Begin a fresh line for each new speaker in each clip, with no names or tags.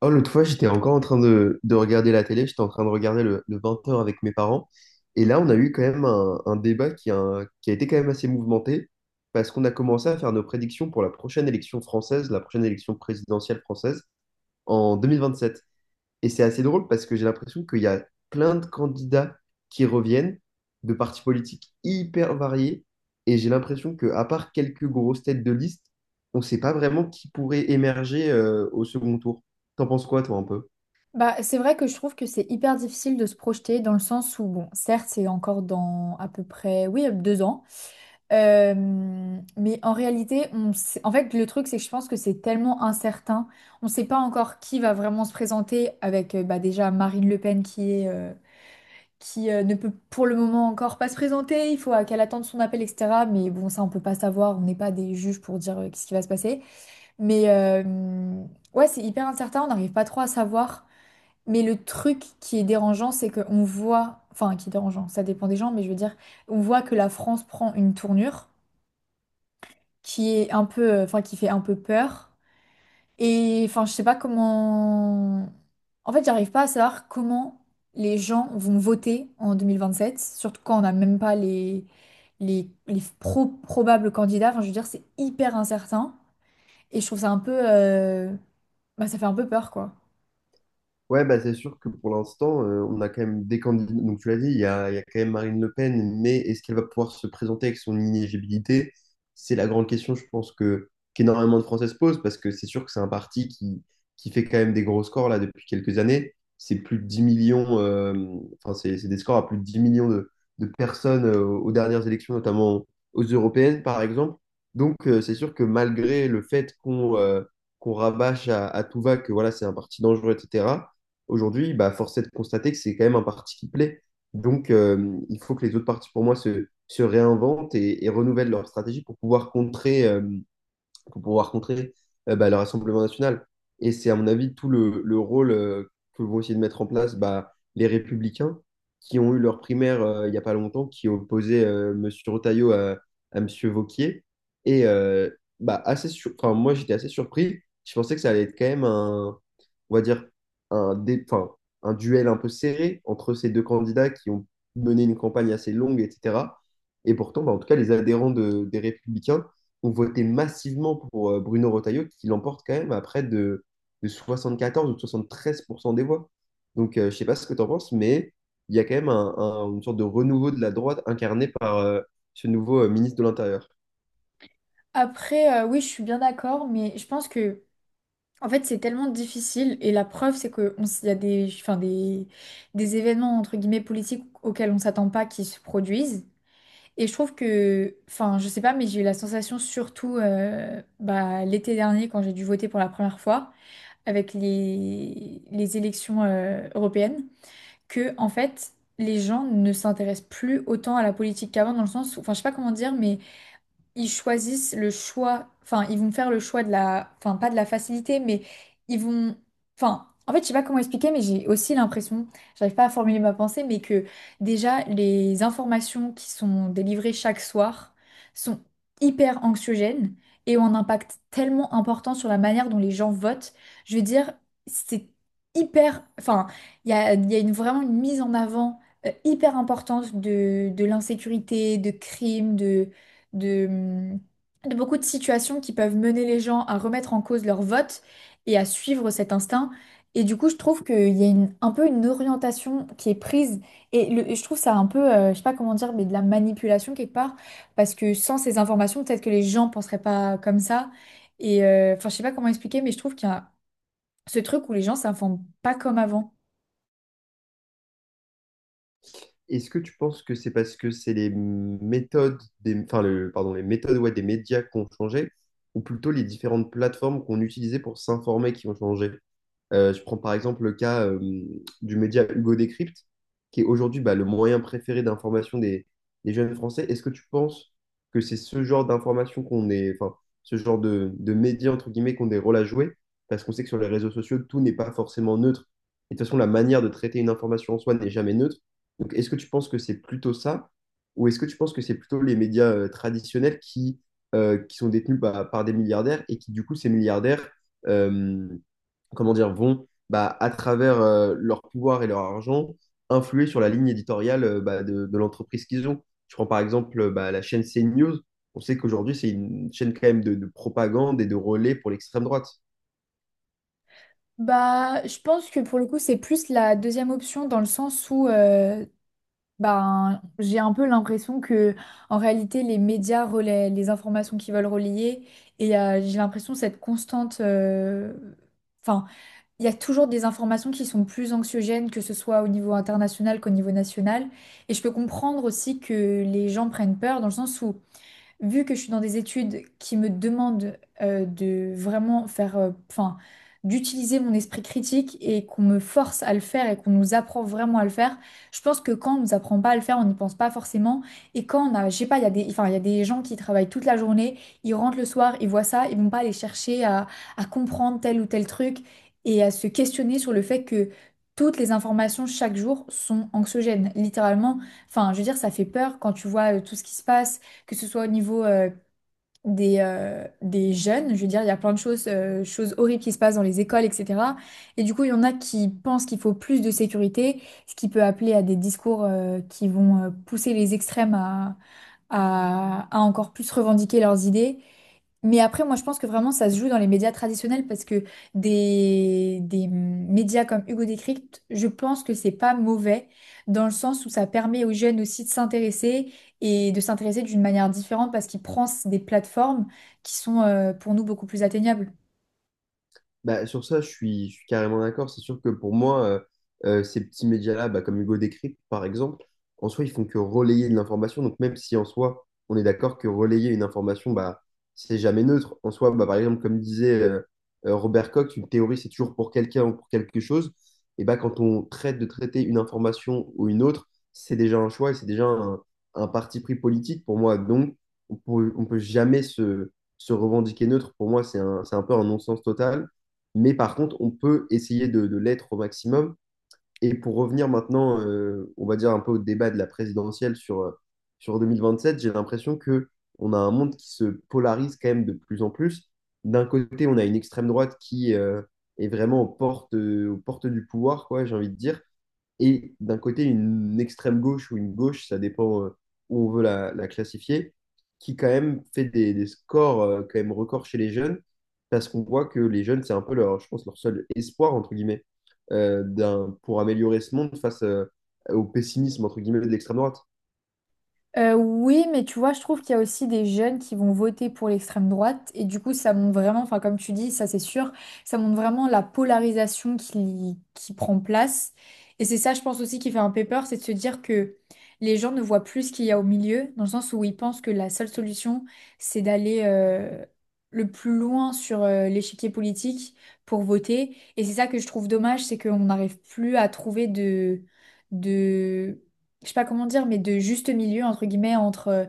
Oh, l'autre fois, j'étais encore en train de regarder la télé, j'étais en train de regarder le 20 heures avec mes parents. Et là, on a eu quand même un débat qui a été quand même assez mouvementé, parce qu'on a commencé à faire nos prédictions pour la prochaine élection française, la prochaine élection présidentielle française, en 2027. Et c'est assez drôle parce que j'ai l'impression qu'il y a plein de candidats qui reviennent de partis politiques hyper variés. Et j'ai l'impression que, à part quelques grosses têtes de liste, on ne sait pas vraiment qui pourrait émerger au second tour. T'en penses quoi, toi, un peu?
Bah, c'est vrai que je trouve que c'est hyper difficile de se projeter dans le sens où, bon, certes, c'est encore dans à peu près, oui, deux ans, mais en réalité, en fait, le truc, c'est que je pense que c'est tellement incertain, on ne sait pas encore qui va vraiment se présenter avec, bah, déjà Marine Le Pen qui ne peut pour le moment encore pas se présenter, il faut qu'elle attende son appel, etc. Mais bon, ça, on peut pas savoir, on n'est pas des juges pour dire qu'est-ce qui va se passer. Mais ouais, c'est hyper incertain, on n'arrive pas trop à savoir. Mais le truc qui est dérangeant, c'est qu'on voit, enfin qui est dérangeant, ça dépend des gens, mais je veux dire, on voit que la France prend une tournure qui est un peu, enfin qui fait un peu peur. Et enfin, je sais pas comment. En fait, j'arrive pas à savoir comment les gens vont voter en 2027, surtout quand on n'a même pas les, les probables candidats. Enfin, je veux dire, c'est hyper incertain. Et je trouve ça un peu, bah, ça fait un peu peur, quoi.
Ouais, bah, c'est sûr que pour l'instant, on a quand même des candidats. Donc, tu l'as dit, il y a quand même Marine Le Pen, mais est-ce qu'elle va pouvoir se présenter avec son inéligibilité? C'est la grande question, je pense, que qu'énormément de Français se posent, parce que c'est sûr que c'est un parti qui fait quand même des gros scores là depuis quelques années. C'est plus de 10 millions, enfin, c'est des scores à plus de 10 millions de personnes aux dernières élections, notamment aux européennes, par exemple. Donc, c'est sûr que malgré le fait qu'on qu'on rabâche à tout va que voilà, c'est un parti dangereux, etc. Aujourd'hui, bah, force est de constater que c'est quand même un parti qui plaît. Donc, il faut que les autres partis, pour moi, se réinventent et renouvellent leur stratégie pour pouvoir contrer, pour pouvoir contrer bah, le Rassemblement national. Et c'est, à mon avis, tout le rôle que vont essayer de mettre en place bah, les Républicains, qui ont eu leur primaire il n'y a pas longtemps, qui opposait M. Retailleau à M. Vauquier. Et assez enfin, moi, j'étais assez surpris. Je pensais que ça allait être quand même un, on va dire, un, dé- enfin, un duel un peu serré entre ces deux candidats qui ont mené une campagne assez longue, etc. Et pourtant, bah, en tout cas, les adhérents des Républicains ont voté massivement pour Bruno Retailleau, qui l'emporte quand même à près de 74 ou 73% des voix. Donc, je ne sais pas ce que tu en penses, mais il y a quand même une sorte de renouveau de la droite incarné par ce nouveau ministre de l'Intérieur.
Après, oui, je suis bien d'accord, mais je pense que, en fait, c'est tellement difficile et la preuve, c'est qu'il y a des, enfin, des événements entre guillemets politiques auxquels on s'attend pas qui se produisent. Et je trouve que, enfin, je sais pas, mais j'ai eu la sensation surtout bah, l'été dernier quand j'ai dû voter pour la première fois avec les élections européennes, que en fait, les gens ne s'intéressent plus autant à la politique qu'avant dans le sens, enfin, je sais pas comment dire, mais ils choisissent le choix, enfin, ils vont faire le choix de la, enfin, pas de la facilité, mais ils vont, enfin, en fait, je sais pas comment expliquer, mais j'ai aussi l'impression, j'arrive pas à formuler ma pensée, mais que déjà, les informations qui sont délivrées chaque soir sont hyper anxiogènes et ont un impact tellement important sur la manière dont les gens votent. Je veux dire, c'est hyper, enfin, il y a une, vraiment une mise en avant hyper importante de l'insécurité, de crimes, de, mm, de beaucoup de situations qui peuvent mener les gens à remettre en cause leur vote et à suivre cet instinct. Et du coup, je trouve qu'il y a un peu une orientation qui est prise. Et je trouve ça un peu, je sais pas comment dire, mais de la manipulation quelque part. Parce que sans ces informations, peut-être que les gens penseraient pas comme ça. Et enfin, je sais pas comment expliquer, mais je trouve qu'il y a ce truc où les gens s'informent pas comme avant.
Est-ce que tu penses que c'est parce que c'est les méthodes enfin, pardon, les méthodes, ouais, des médias qui ont changé, ou plutôt les différentes plateformes qu'on utilisait pour s'informer qui ont changé? Je prends par exemple le cas du média Hugo Décrypte, qui est aujourd'hui bah, le moyen préféré d'information des jeunes Français. Est-ce que tu penses que c'est ce genre d'information qu'on est, enfin, ce genre de médias, entre guillemets, qu'on des rôles à jouer? Parce qu'on sait que sur les réseaux sociaux, tout n'est pas forcément neutre. Et de toute façon, la manière de traiter une information en soi n'est jamais neutre. Donc, est-ce que tu penses que c'est plutôt ça? Ou est-ce que tu penses que c'est plutôt les médias traditionnels qui, qui sont détenus bah, par des milliardaires et qui, du coup, ces milliardaires... euh, comment dire, vont, bah, à travers leur pouvoir et leur argent, influer sur la ligne éditoriale bah, de l'entreprise qu'ils ont. Je prends par exemple bah, la chaîne CNews. On sait qu'aujourd'hui, c'est une chaîne quand même de propagande et de relais pour l'extrême droite.
Bah, je pense que pour le coup, c'est plus la deuxième option dans le sens où ben, j'ai un peu l'impression que, en réalité, les médias relaient les informations qu'ils veulent relayer et j'ai l'impression cette constante. Enfin, il y a toujours des informations qui sont plus anxiogènes, que ce soit au niveau international qu'au niveau national. Et je peux comprendre aussi que les gens prennent peur dans le sens où vu que je suis dans des études qui me demandent de vraiment faire, enfin, d'utiliser mon esprit critique et qu'on me force à le faire et qu'on nous apprend vraiment à le faire, je pense que quand on nous apprend pas à le faire, on n'y pense pas forcément. Et quand on a, je sais pas, il y a des, enfin, il y a des gens qui travaillent toute la journée, ils rentrent le soir, ils voient ça, ils vont pas aller chercher à comprendre tel ou tel truc et à se questionner sur le fait que toutes les informations chaque jour sont anxiogènes, littéralement. Enfin, je veux dire, ça fait peur quand tu vois tout ce qui se passe, que ce soit au niveau des jeunes, je veux dire, il y a plein de choses, choses horribles qui se passent dans les écoles, etc. Et du coup, il y en a qui pensent qu'il faut plus de sécurité, ce qui peut appeler à des discours qui vont pousser les extrêmes à, à encore plus revendiquer leurs idées. Mais après, moi, je pense que vraiment, ça se joue dans les médias traditionnels parce que des médias comme Hugo Décrypte, je pense que c'est pas mauvais dans le sens où ça permet aux jeunes aussi de s'intéresser et de s'intéresser d'une manière différente parce qu'il prend des plateformes qui sont pour nous beaucoup plus atteignables.
Bah, sur ça, je suis carrément d'accord. C'est sûr que pour moi, ces petits médias-là, bah, comme Hugo Décrypte, par exemple, en soi, ils font que relayer de l'information. Donc, même si en soi, on est d'accord que relayer une information, bah, c'est jamais neutre. En soi, bah, par exemple, comme disait Robert Cox, une théorie, c'est toujours pour quelqu'un ou pour quelque chose. Et bah, quand on traite de traiter une information ou une autre, c'est déjà un choix et c'est déjà un parti pris politique pour moi. Donc, on peut jamais se revendiquer neutre. Pour moi, c'est un peu un non-sens total. Mais par contre, on peut essayer de l'être au maximum. Et pour revenir maintenant, on va dire un peu au débat de la présidentielle sur 2027, j'ai l'impression que on a un monde qui se polarise quand même de plus en plus. D'un côté, on a une extrême droite qui est vraiment aux portes du pouvoir, quoi, j'ai envie de dire et d'un côté une extrême gauche ou une gauche, ça dépend où on veut la classifier, qui quand même fait des scores quand même records chez les jeunes, parce qu'on voit que les jeunes, c'est un peu leur, je pense, leur seul espoir, entre guillemets, pour améliorer ce monde face au pessimisme, entre guillemets, de l'extrême droite.
Oui, mais tu vois, je trouve qu'il y a aussi des jeunes qui vont voter pour l'extrême droite et du coup, ça montre vraiment, enfin comme tu dis, ça c'est sûr, ça montre vraiment la polarisation qui prend place. Et c'est ça, je pense aussi, qui fait un peu peur, c'est de se dire que les gens ne voient plus ce qu'il y a au milieu, dans le sens où ils pensent que la seule solution, c'est d'aller le plus loin sur l'échiquier politique pour voter. Et c'est ça que je trouve dommage, c'est qu'on n'arrive plus à trouver de je sais pas comment dire, mais de juste milieu, entre guillemets, entre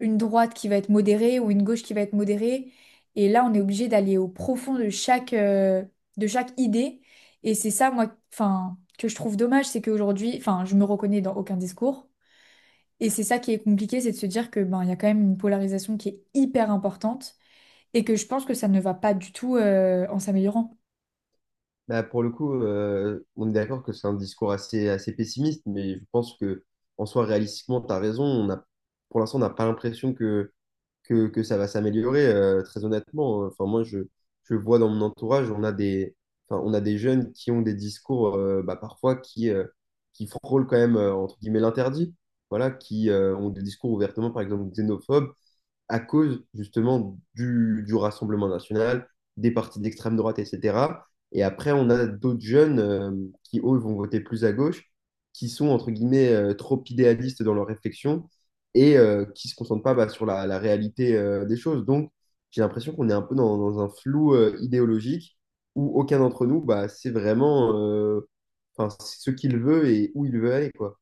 une droite qui va être modérée ou une gauche qui va être modérée. Et là, on est obligé d'aller au profond de chaque idée. Et c'est ça, moi, enfin, que je trouve dommage, c'est qu'aujourd'hui, enfin, je me reconnais dans aucun discours. Et c'est ça qui est compliqué, c'est de se dire que ben, il y a quand même une polarisation qui est hyper importante et que je pense que ça ne va pas du tout, en s'améliorant.
Bah, pour le coup, on est d'accord que c'est un discours assez, assez pessimiste, mais je pense que en soi, réalistiquement, tu as raison. On a, pour l'instant, on n'a pas l'impression que, que ça va s'améliorer, très honnêtement. Enfin, je vois dans mon entourage, on a des, enfin, on a des jeunes qui ont des discours parfois qui frôlent quand même, entre guillemets, l'interdit. Voilà, qui ont des discours ouvertement, par exemple, xénophobes, à cause justement du Rassemblement national, des partis d'extrême droite, etc. Et après, on a d'autres jeunes qui, eux, vont voter plus à gauche, qui sont, entre guillemets, trop idéalistes dans leur réflexion et qui ne se concentrent pas bah, sur la réalité des choses. Donc, j'ai l'impression qu'on est un peu dans un flou idéologique où aucun d'entre nous, bah, c'est vraiment enfin, c'est ce qu'il veut et où il veut aller, quoi.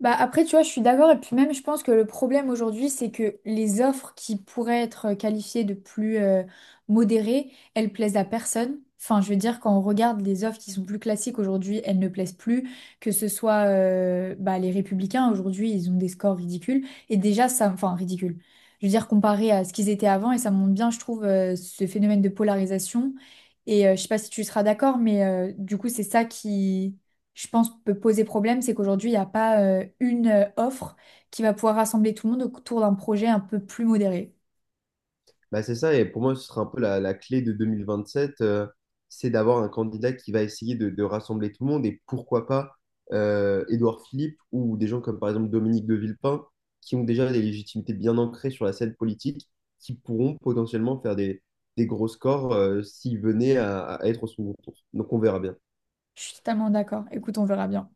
Bah après, tu vois, je suis d'accord. Et puis même, je pense que le problème aujourd'hui, c'est que les offres qui pourraient être qualifiées de plus modérées, elles plaisent à personne. Enfin, je veux dire, quand on regarde les offres qui sont plus classiques aujourd'hui, elles ne plaisent plus. Que ce soit bah, les Républicains, aujourd'hui, ils ont des scores ridicules. Et déjà, ça, enfin, ridicule. Je veux dire, comparé à ce qu'ils étaient avant, et ça montre bien, je trouve, ce phénomène de polarisation. Et je sais pas si tu seras d'accord, mais du coup, c'est ça qui, je pense, peut poser problème, c'est qu'aujourd'hui, il n'y a pas une offre qui va pouvoir rassembler tout le monde autour d'un projet un peu plus modéré.
Bah, c'est ça, et pour moi, ce sera un peu la clé de 2027, c'est d'avoir un candidat qui va essayer de rassembler tout le monde, et pourquoi pas Édouard Philippe ou des gens comme par exemple Dominique de Villepin, qui ont déjà des légitimités bien ancrées sur la scène politique, qui pourront potentiellement faire des gros scores s'ils venaient à être au second tour. Donc on verra bien.
Je suis totalement d'accord. Écoute, on verra bien.